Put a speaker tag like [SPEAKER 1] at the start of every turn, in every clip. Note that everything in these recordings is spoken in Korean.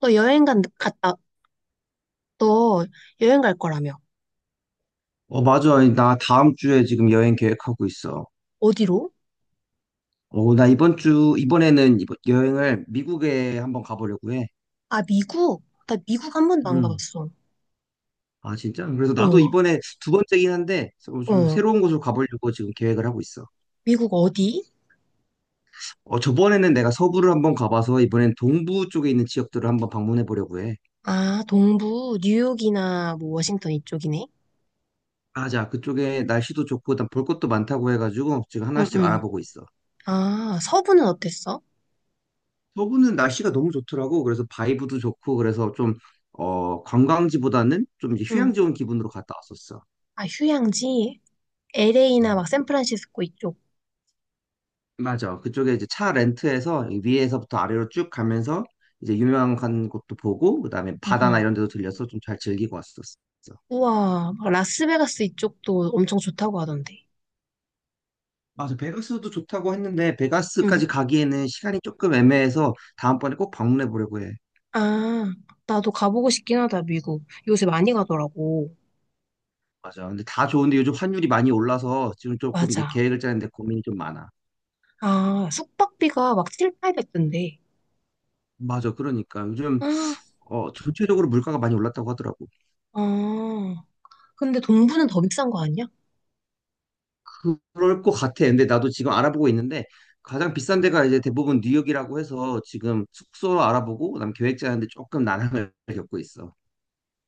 [SPEAKER 1] 너 여행 간, 갔다, 너 여행 갈 거라며.
[SPEAKER 2] 맞아. 나 다음 주에 지금 여행 계획하고 있어.
[SPEAKER 1] 어디로?
[SPEAKER 2] 나 이번에는 여행을 미국에 한번 가보려고 해.
[SPEAKER 1] 아, 미국? 나 미국 한 번도 안
[SPEAKER 2] 음.
[SPEAKER 1] 가봤어.
[SPEAKER 2] 아, 진짜? 그래서 나도
[SPEAKER 1] 어,
[SPEAKER 2] 이번에 두 번째긴 한데, 좀
[SPEAKER 1] 어.
[SPEAKER 2] 새로운 곳으로 가보려고 지금 계획을 하고 있어.
[SPEAKER 1] 미국 어디?
[SPEAKER 2] 저번에는 내가 서부를 한번 가봐서, 이번엔 동부 쪽에 있는 지역들을 한번 방문해 보려고 해.
[SPEAKER 1] 아, 동부, 뉴욕이나 뭐 워싱턴 이쪽이네.
[SPEAKER 2] 아, 자, 그쪽에 날씨도 좋고, 일단 볼 것도 많다고 해가지고, 지금
[SPEAKER 1] 응,
[SPEAKER 2] 하나씩
[SPEAKER 1] 응.
[SPEAKER 2] 알아보고 있어.
[SPEAKER 1] 아, 서부는 어땠어?
[SPEAKER 2] 서구는 날씨가 너무 좋더라고. 그래서 바이브도 좋고, 그래서 좀, 관광지보다는 좀 이제
[SPEAKER 1] 응.
[SPEAKER 2] 휴양 지온 기분으로 갔다 왔었어.
[SPEAKER 1] 아, 휴양지? LA나
[SPEAKER 2] 음.
[SPEAKER 1] 막 샌프란시스코 이쪽.
[SPEAKER 2] 맞아. 그쪽에 이제 차 렌트해서 위에서부터 아래로 쭉 가면서 이제 유명한 곳도 보고, 그다음에
[SPEAKER 1] 응,
[SPEAKER 2] 바다나
[SPEAKER 1] 응.
[SPEAKER 2] 이런 데도 들려서 좀 잘 즐기고 왔었어.
[SPEAKER 1] 우와, 막 라스베가스 이쪽도 엄청 좋다고 하던데.
[SPEAKER 2] 맞아. 베가스도 좋다고 했는데,
[SPEAKER 1] 응.
[SPEAKER 2] 베가스까지 가기에는 시간이 조금 애매해서 다음번에 꼭 방문해 보려고 해.
[SPEAKER 1] 아, 나도 가보고 싶긴 하다, 미국. 요새 많이 가더라고.
[SPEAKER 2] 맞아. 근데 다 좋은데 요즘 환율이 많이 올라서 지금 조금 이게
[SPEAKER 1] 맞아.
[SPEAKER 2] 계획을 짜는데 고민이 좀 많아.
[SPEAKER 1] 아, 숙박비가 막 7, 8 0 0데
[SPEAKER 2] 맞아. 그러니까 요즘
[SPEAKER 1] 아,
[SPEAKER 2] 전체적으로 물가가 많이 올랐다고 하더라고.
[SPEAKER 1] 아. 근데 동부는 더 비싼 거 아니야?
[SPEAKER 2] 럴 것 같아. 근데 나도 지금 알아보고 있는데 가장 비싼 데가 이제 대부분 뉴욕이라고 해서 지금 숙소 알아보고 그다음 계획 짜는데 조금 난항을 겪고 있어.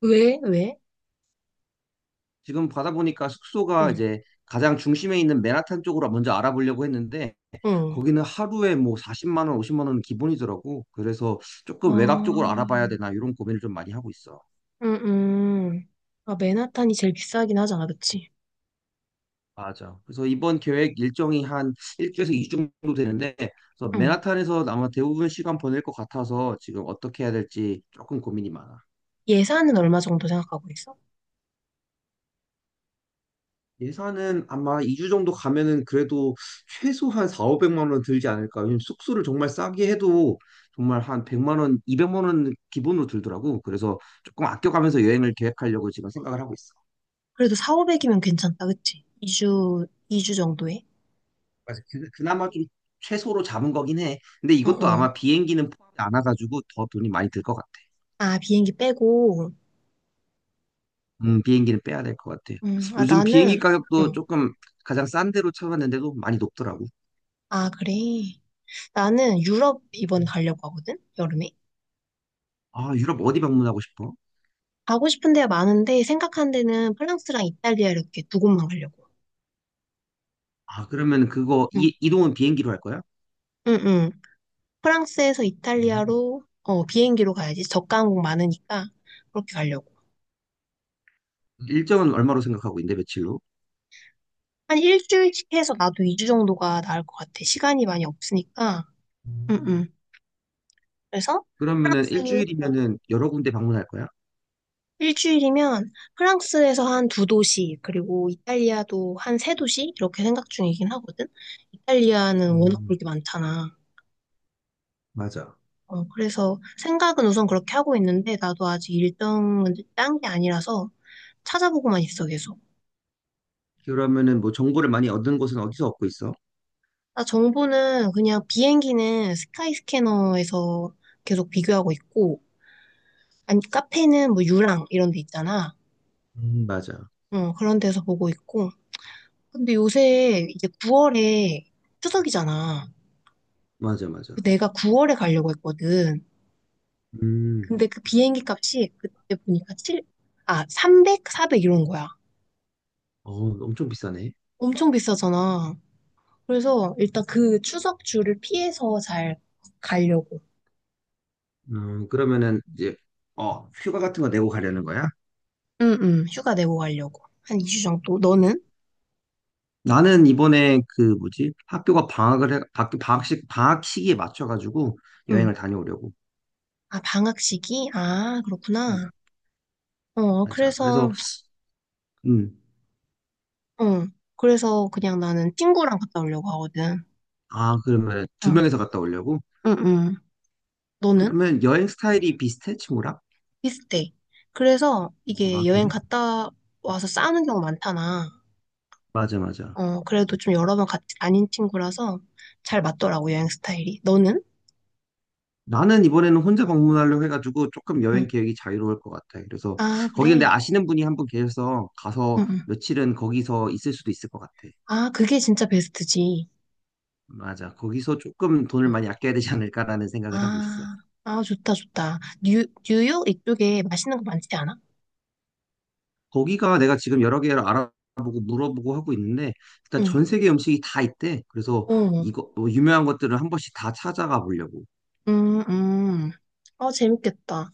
[SPEAKER 1] 왜? 왜?
[SPEAKER 2] 지금 받아보니까 숙소가
[SPEAKER 1] 응,
[SPEAKER 2] 이제 가장 중심에 있는 맨하탄 쪽으로 먼저 알아보려고 했는데
[SPEAKER 1] 응.
[SPEAKER 2] 거기는 하루에 뭐 40만 원, 50만 원은 기본이더라고. 그래서 조금 외곽 쪽으로 알아봐야
[SPEAKER 1] 아,
[SPEAKER 2] 되나 이런 고민을 좀 많이 하고 있어.
[SPEAKER 1] 응, 응. 아, 맨하탄이 제일 비싸긴 하잖아, 그치?
[SPEAKER 2] 맞아. 그래서 이번 계획 일정이 한 일주에서 2주 정도 되는데, 그래서
[SPEAKER 1] 응.
[SPEAKER 2] 맨하탄에서 아마 대부분 시간 보낼 것 같아서 지금 어떻게 해야 될지 조금 고민이 많아.
[SPEAKER 1] 예산은 얼마 정도 생각하고 있어?
[SPEAKER 2] 예산은 아마 2주 정도 가면은 그래도 최소한 4, 500만 원 들지 않을까. 왜냐면 숙소를 정말 싸게 해도 정말 한 100만 원, 200만 원 기본으로 들더라고. 그래서 조금 아껴가면서 여행을 계획하려고 지금 생각을 하고 있어.
[SPEAKER 1] 그래도 4, 500이면 괜찮다, 그치? 2주, 2주 정도에?
[SPEAKER 2] 맞아. 그나마 좀 최소로 잡은 거긴 해. 근데
[SPEAKER 1] 응,
[SPEAKER 2] 이것도
[SPEAKER 1] 응.
[SPEAKER 2] 아마 비행기는 포함이 안 와가지고 더 돈이 많이 들 것 같아.
[SPEAKER 1] 아, 비행기 빼고.
[SPEAKER 2] 비행기는 빼야 될 것 같아.
[SPEAKER 1] 응, 아,
[SPEAKER 2] 요즘 비행기
[SPEAKER 1] 나는,
[SPEAKER 2] 가격도
[SPEAKER 1] 응.
[SPEAKER 2] 조금 가장 싼 데로 찾아봤는데도 많이 높더라고.
[SPEAKER 1] 아, 그래. 나는 유럽 이번에
[SPEAKER 2] 음.
[SPEAKER 1] 가려고 하거든? 여름에?
[SPEAKER 2] 아, 유럽 어디 방문하고 싶어?
[SPEAKER 1] 가고 싶은 데가 많은데 생각한 데는 프랑스랑 이탈리아 이렇게 두 곳만 가려고.
[SPEAKER 2] 아, 그러면 그거
[SPEAKER 1] 응,
[SPEAKER 2] 이동은 비행기로 할 거야?
[SPEAKER 1] 응, 응. 프랑스에서
[SPEAKER 2] 음.
[SPEAKER 1] 이탈리아로 비행기로 가야지. 저가 항공 많으니까 그렇게 가려고.
[SPEAKER 2] 일정은 얼마로 생각하고 있는데 며칠로?
[SPEAKER 1] 한 일주일씩 해서 나도 2주 정도가 나을 것 같아. 시간이 많이 없으니까. 응,
[SPEAKER 2] 음,
[SPEAKER 1] 응. 그래서
[SPEAKER 2] 그러면은
[SPEAKER 1] 프랑스 어,
[SPEAKER 2] 일주일이면은 여러 군데 방문할 거야?
[SPEAKER 1] 일주일이면 프랑스에서 한 두 도시 그리고 이탈리아도 한 세 도시 이렇게 생각 중이긴 하거든. 이탈리아는 워낙 볼
[SPEAKER 2] 음,
[SPEAKER 1] 게 많잖아.
[SPEAKER 2] 맞아.
[SPEAKER 1] 그래서 생각은 우선 그렇게 하고 있는데 나도 아직 일정은 딴 게 아니라서 찾아보고만 있어 계속.
[SPEAKER 2] 그러면은 뭐 정보를 많이 얻은 곳은 어디서 얻고 있어?
[SPEAKER 1] 나 정보는 그냥 비행기는 스카이스캐너에서 계속 비교하고 있고 아니 카페는 뭐 유랑 이런 데 있잖아.
[SPEAKER 2] 맞아.
[SPEAKER 1] 그런 데서 보고 있고. 근데 요새 이제 9월에 추석이잖아.
[SPEAKER 2] 맞아, 맞아.
[SPEAKER 1] 그 내가 9월에 가려고 했거든.
[SPEAKER 2] 음,
[SPEAKER 1] 근데 그 비행기 값이 그때 보니까 300, 400 이런 거야.
[SPEAKER 2] 어, 엄청 비싸네.
[SPEAKER 1] 엄청 비싸잖아. 그래서 일단 그 추석 주를 피해서 잘 가려고.
[SPEAKER 2] 그러면은 이제 휴가 같은 거 내고 가려는 거야?
[SPEAKER 1] 응, 응, 휴가 내고 가려고. 한 2주 정도. 너는?
[SPEAKER 2] 나는 이번에 그 뭐지? 학교가 방학을 해, 방학식, 방학 시기에 맞춰가지고 여행을
[SPEAKER 1] 응.
[SPEAKER 2] 다녀오려고.
[SPEAKER 1] 아, 방학 시기? 아,
[SPEAKER 2] 음,
[SPEAKER 1] 그렇구나.
[SPEAKER 2] 맞아.
[SPEAKER 1] 그래서,
[SPEAKER 2] 그래서, 음,
[SPEAKER 1] 응. 그래서 그냥 나는 친구랑 갔다 오려고 하거든.
[SPEAKER 2] 아, 그러면 두
[SPEAKER 1] 응,
[SPEAKER 2] 명이서 갔다 오려고?
[SPEAKER 1] 응, 응. 너는?
[SPEAKER 2] 그러면 여행 스타일이 비슷해, 친구랑?
[SPEAKER 1] 비슷해. 그래서 이게
[SPEAKER 2] 아,
[SPEAKER 1] 여행
[SPEAKER 2] 그래?
[SPEAKER 1] 갔다 와서 싸우는 경우 많잖아.
[SPEAKER 2] 맞아, 맞아.
[SPEAKER 1] 그래도 좀 여러 번 같이 다닌 친구라서 잘 맞더라고, 여행 스타일이. 너는?
[SPEAKER 2] 나는 이번에는 혼자 방문하려고 해가지고 조금
[SPEAKER 1] 응.
[SPEAKER 2] 여행 계획이 자유로울 것 같아. 그래서
[SPEAKER 1] 아,
[SPEAKER 2] 거기 근데
[SPEAKER 1] 그래.
[SPEAKER 2] 아시는 분이 한 분 계셔서 가서
[SPEAKER 1] 응응.
[SPEAKER 2] 며칠은 거기서 있을 수도 있을 것 같아.
[SPEAKER 1] 아, 그게 진짜 베스트지.
[SPEAKER 2] 맞아. 거기서 조금 돈을 많이 아껴야 되지 않을까라는 생각을 하고 있어.
[SPEAKER 1] 아, 아, 좋다, 좋다. 뉴욕 이쪽에 맛있는 거 많지 않아?
[SPEAKER 2] 거기가 내가 지금 여러 개를 알아보고 물어보고 하고 있는데 일단
[SPEAKER 1] 응,
[SPEAKER 2] 전 세계 음식이 다 있대. 그래서
[SPEAKER 1] 어,
[SPEAKER 2] 이거 뭐 유명한 것들을 한 번씩 다 찾아가 보려고.
[SPEAKER 1] 음, 음. 아, 재밌겠다.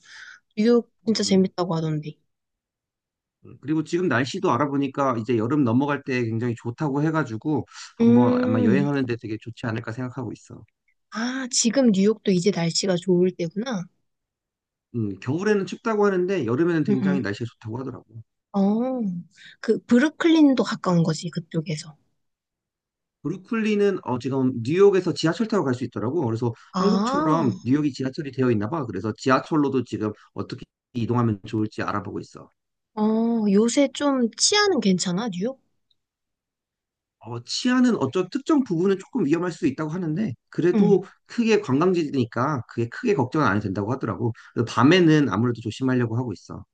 [SPEAKER 1] 뉴욕 진짜
[SPEAKER 2] 음.
[SPEAKER 1] 재밌다고 하던데.
[SPEAKER 2] 음. 그리고 지금 날씨도 알아보니까 이제 여름 넘어갈 때 굉장히 좋다고 해가지고 한번 아마
[SPEAKER 1] 음,
[SPEAKER 2] 여행하는데 되게 좋지 않을까 생각하고 있어.
[SPEAKER 1] 아, 지금 뉴욕도 이제 날씨가 좋을 때구나.
[SPEAKER 2] 겨울에는 춥다고 하는데 여름에는
[SPEAKER 1] 응,
[SPEAKER 2] 굉장히
[SPEAKER 1] 응.
[SPEAKER 2] 날씨가 좋다고 하더라고.
[SPEAKER 1] 어, 그, 브루클린도 가까운 거지, 그쪽에서.
[SPEAKER 2] 브루클리는 지금 뉴욕에서 지하철 타고 갈 수 있더라고. 그래서
[SPEAKER 1] 아,
[SPEAKER 2] 한국처럼 뉴욕이 지하철이 되어 있나 봐. 그래서 지하철로도 지금 어떻게 이동하면 좋을지 알아보고 있어.
[SPEAKER 1] 어, 요새 좀 치안은 괜찮아, 뉴욕?
[SPEAKER 2] 치안은 어떤 특정 부분은 조금 위험할 수 있다고 하는데, 그래도
[SPEAKER 1] 응,
[SPEAKER 2] 크게 관광지니까 그게 크게 걱정은 안 해도 된다고 하더라고. 그래서 밤에는 아무래도 조심하려고 하고 있어.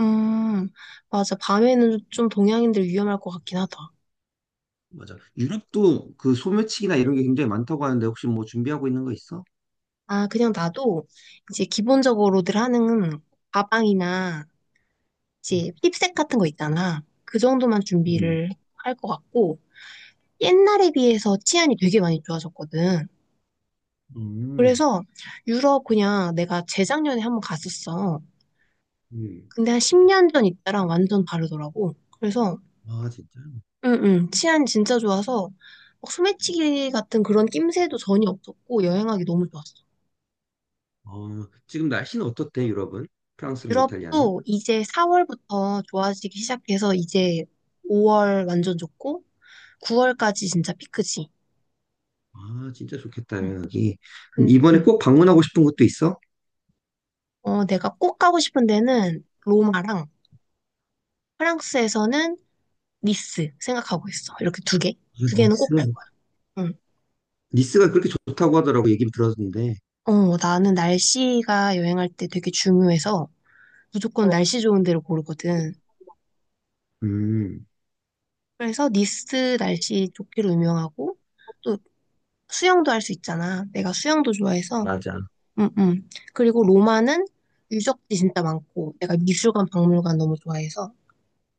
[SPEAKER 1] 음, 맞아. 밤에는 좀 동양인들 위험할 것 같긴 하다.
[SPEAKER 2] 맞아. 유럽도 그 소매치기나 이런 게 굉장히 많다고 하는데, 혹시 뭐 준비하고 있는 거 있어?
[SPEAKER 1] 아, 그냥 나도 이제 기본적으로들 하는 가방이나 이제 힙색 같은 거 있잖아. 그 정도만
[SPEAKER 2] 음,
[SPEAKER 1] 준비를 할 것 같고, 옛날에 비해서 치안이 되게 많이 좋아졌거든.
[SPEAKER 2] 음,
[SPEAKER 1] 그래서 유럽 그냥 내가 재작년에 한번 갔었어.
[SPEAKER 2] 음.
[SPEAKER 1] 근데 한 10년 전 이때랑 완전 다르더라고. 그래서,
[SPEAKER 2] 아, 진짜?
[SPEAKER 1] 응, 응, 치안 진짜 좋아서 막 소매치기 같은 그런 낌새도 전혀 없었고, 여행하기 너무 좋았어.
[SPEAKER 2] 지금 날씨는 어떻대, 유럽은? 프랑스랑 이탈리아는?
[SPEAKER 1] 유럽도 이제 4월부터 좋아지기 시작해서 이제 5월 완전 좋고 9월까지 진짜 피크지.
[SPEAKER 2] 아, 진짜 좋겠다,
[SPEAKER 1] 응.
[SPEAKER 2] 여기. 이번에
[SPEAKER 1] 응.
[SPEAKER 2] 꼭 방문하고 싶은 곳도 있어?
[SPEAKER 1] 내가 꼭 가고 싶은 데는 로마랑 프랑스에서는 니스 생각하고 있어. 이렇게 두 개.
[SPEAKER 2] 아,
[SPEAKER 1] 두 개는 꼭 갈
[SPEAKER 2] 니스.
[SPEAKER 1] 거야. 응.
[SPEAKER 2] 니스가 그렇게 좋다고 하더라고, 얘기 들었는데.
[SPEAKER 1] 나는 날씨가 여행할 때 되게 중요해서 무조건 날씨 좋은 데를 고르거든.
[SPEAKER 2] 음.
[SPEAKER 1] 그래서 니스 날씨 좋기로 유명하고 또 수영도 할 수 있잖아. 내가 수영도 좋아해서
[SPEAKER 2] 맞아.
[SPEAKER 1] 그리고 로마는 유적지 진짜 많고, 내가 미술관, 박물관 너무 좋아해서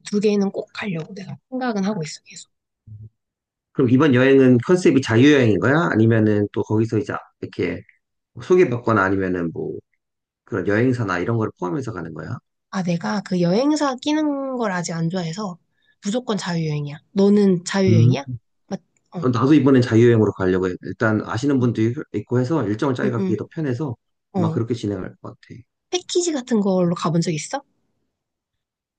[SPEAKER 1] 두 개는 꼭 가려고 내가 생각은 하고 있어, 계속.
[SPEAKER 2] 그럼 이번 여행은 컨셉이 자유여행인 거야? 아니면은 또 거기서 이제 이렇게 소개받거나 아니면은 뭐 그런 여행사나 이런 거를 포함해서 가는 거야?
[SPEAKER 1] 아, 내가 그 여행사 끼는 걸 아직 안 좋아해서 무조건 자유여행이야. 너는 자유여행이야?
[SPEAKER 2] 음.
[SPEAKER 1] 맞, 어,
[SPEAKER 2] 나도 이번엔 자유여행으로 가려고 해. 일단 아시는 분도 있고 해서 일정을 짜기가 그게
[SPEAKER 1] 응응
[SPEAKER 2] 더 편해서 아마
[SPEAKER 1] 어.
[SPEAKER 2] 그렇게 진행할 것 같아.
[SPEAKER 1] 패키지 같은 걸로 가본 적 있어?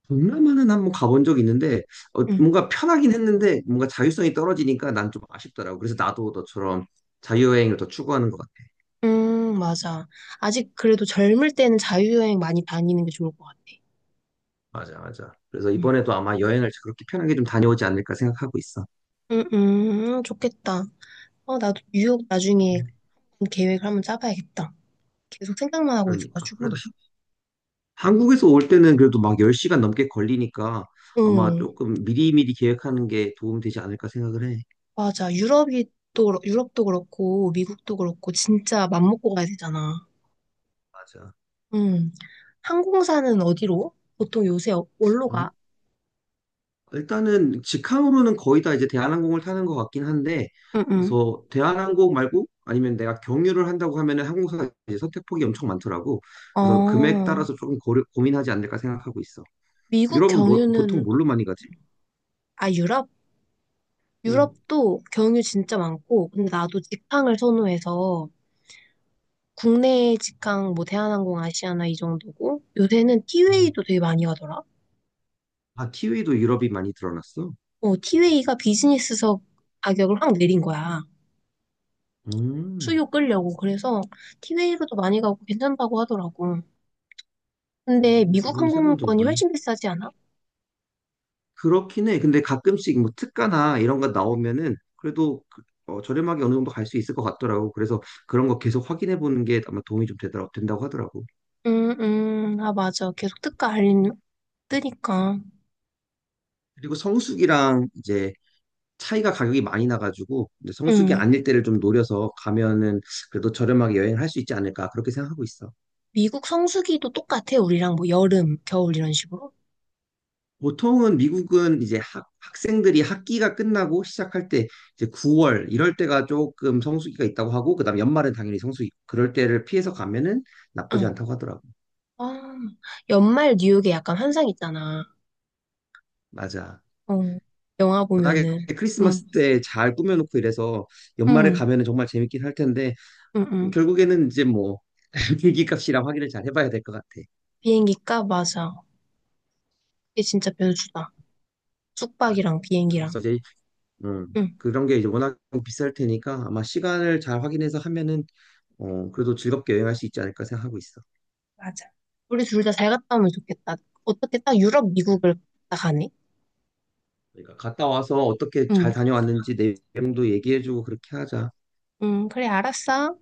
[SPEAKER 2] 동남아는 한번 가본 적 있는데
[SPEAKER 1] 응.
[SPEAKER 2] 뭔가 편하긴 했는데 뭔가 자유성이 떨어지니까 난 좀 아쉽더라고. 그래서 나도 너처럼 자유여행을 더 추구하는 것 같아.
[SPEAKER 1] 맞아. 아직 그래도 젊을 때는 자유여행 많이 다니는 게 좋을 것 같아.
[SPEAKER 2] 맞아, 맞아. 그래서
[SPEAKER 1] 응.
[SPEAKER 2] 이번에도 아마 여행을 그렇게 편하게 좀 다녀오지 않을까 생각하고 있어.
[SPEAKER 1] 응응 좋겠다. 나도 뉴욕 나중에 계획을 한번 짜봐야겠다. 계속 생각만 하고
[SPEAKER 2] 그러니까.
[SPEAKER 1] 있어가지고.
[SPEAKER 2] 그래도 한국에서 올 때는 그래도 막 10시간 넘게 걸리니까 아마
[SPEAKER 1] 응,
[SPEAKER 2] 조금 미리미리 계획하는 게 도움 되지 않을까 생각을 해.
[SPEAKER 1] 맞아. 유럽도 그렇고, 미국도 그렇고, 진짜 맘먹고 가야 되잖아.
[SPEAKER 2] 맞아.
[SPEAKER 1] 응. 항공사는 어디로? 보통 요새 뭘로
[SPEAKER 2] 어?
[SPEAKER 1] 가?
[SPEAKER 2] 일단은 직항으로는 거의 다 이제 대한항공을 타는 것 같긴 한데,
[SPEAKER 1] 응응.
[SPEAKER 2] 그래서 대한항공 말고 아니면 내가 경유를 한다고 하면은 항공사 이제 선택폭이 엄청 많더라고. 그래서 금액
[SPEAKER 1] 어,
[SPEAKER 2] 따라서 조금 고려, 고민하지 않을까 생각하고 있어.
[SPEAKER 1] 미국
[SPEAKER 2] 유럽은 뭐, 보통
[SPEAKER 1] 경유는,
[SPEAKER 2] 뭘로 많이 가지?
[SPEAKER 1] 아, 유럽?
[SPEAKER 2] 응.
[SPEAKER 1] 유럽도 경유 진짜 많고, 근데 나도 직항을 선호해서, 국내 직항, 뭐, 대한항공, 아시아나 이 정도고, 요새는
[SPEAKER 2] 음.
[SPEAKER 1] 티웨이도 되게 많이 가더라.
[SPEAKER 2] 아, t 웨이도 유럽이 많이 드러났어?
[SPEAKER 1] 티웨이가 비즈니스석 가격을 확 내린 거야.
[SPEAKER 2] 음,
[SPEAKER 1] 수요 끌려고. 그래서 티웨이로도 많이 가고 괜찮다고 하더라고. 근데 미국
[SPEAKER 2] 그건 새로운
[SPEAKER 1] 항공권이
[SPEAKER 2] 정보.
[SPEAKER 1] 훨씬 비싸지 않아?
[SPEAKER 2] 그렇긴 해. 근데 가끔씩 뭐 특가나 이런 거 나오면은 그래도 저렴하게 어느 정도 갈 수 있을 것 같더라고. 그래서 그런 거 계속 확인해 보는 게 아마 도움이 좀 되더라, 된다고 하더라고.
[SPEAKER 1] 아, 맞아. 계속 특가 알림 뜨니까.
[SPEAKER 2] 그리고 성수기랑 이제 차이가 가격이 많이 나가지고 이제 성수기
[SPEAKER 1] 음.
[SPEAKER 2] 아닐 때를 좀 노려서 가면은 그래도 저렴하게 여행을 할 수 있지 않을까 그렇게 생각하고 있어.
[SPEAKER 1] 미국 성수기도 똑같아, 우리랑 뭐 여름, 겨울 이런 식으로.
[SPEAKER 2] 보통은 미국은 이제 학생들이 학기가 끝나고 시작할 때 이제 9월 이럴 때가 조금 성수기가 있다고 하고 그다음 연말은 당연히 성수기 그럴 때를 피해서 가면은 나쁘지
[SPEAKER 1] 응.
[SPEAKER 2] 않다고 하더라고.
[SPEAKER 1] 아, 연말 뉴욕에 약간 환상 있잖아.
[SPEAKER 2] 맞아.
[SPEAKER 1] 응, 영화
[SPEAKER 2] 워낙에
[SPEAKER 1] 보면은. 응,
[SPEAKER 2] 크리스마스 때 잘 꾸며놓고 이래서 연말에
[SPEAKER 1] 응,
[SPEAKER 2] 가면은 정말 재밌긴 할 텐데
[SPEAKER 1] 응, 응.
[SPEAKER 2] 결국에는 이제 뭐 비기값이랑 확인을 잘 해봐야 될 것 같아.
[SPEAKER 1] 비행기 값 맞아. 이게 진짜 변수다.
[SPEAKER 2] 맞아.
[SPEAKER 1] 숙박이랑 비행기랑.
[SPEAKER 2] 그래서 이제 음,
[SPEAKER 1] 응.
[SPEAKER 2] 그런 게 이제 워낙 비쌀 테니까 아마 시간을 잘 확인해서 하면은 그래도 즐겁게 여행할 수 있지 않을까 생각하고 있어.
[SPEAKER 1] 맞아. 우리 둘 다 잘 갔다 오면 좋겠다. 어떻게 딱 유럽, 미국을 다 가네?
[SPEAKER 2] 그러니까 갔다 와서 어떻게 잘
[SPEAKER 1] 응,
[SPEAKER 2] 다녀왔는지 내용도 얘기해주고 그렇게 하자.
[SPEAKER 1] 응, 그래, 알았어.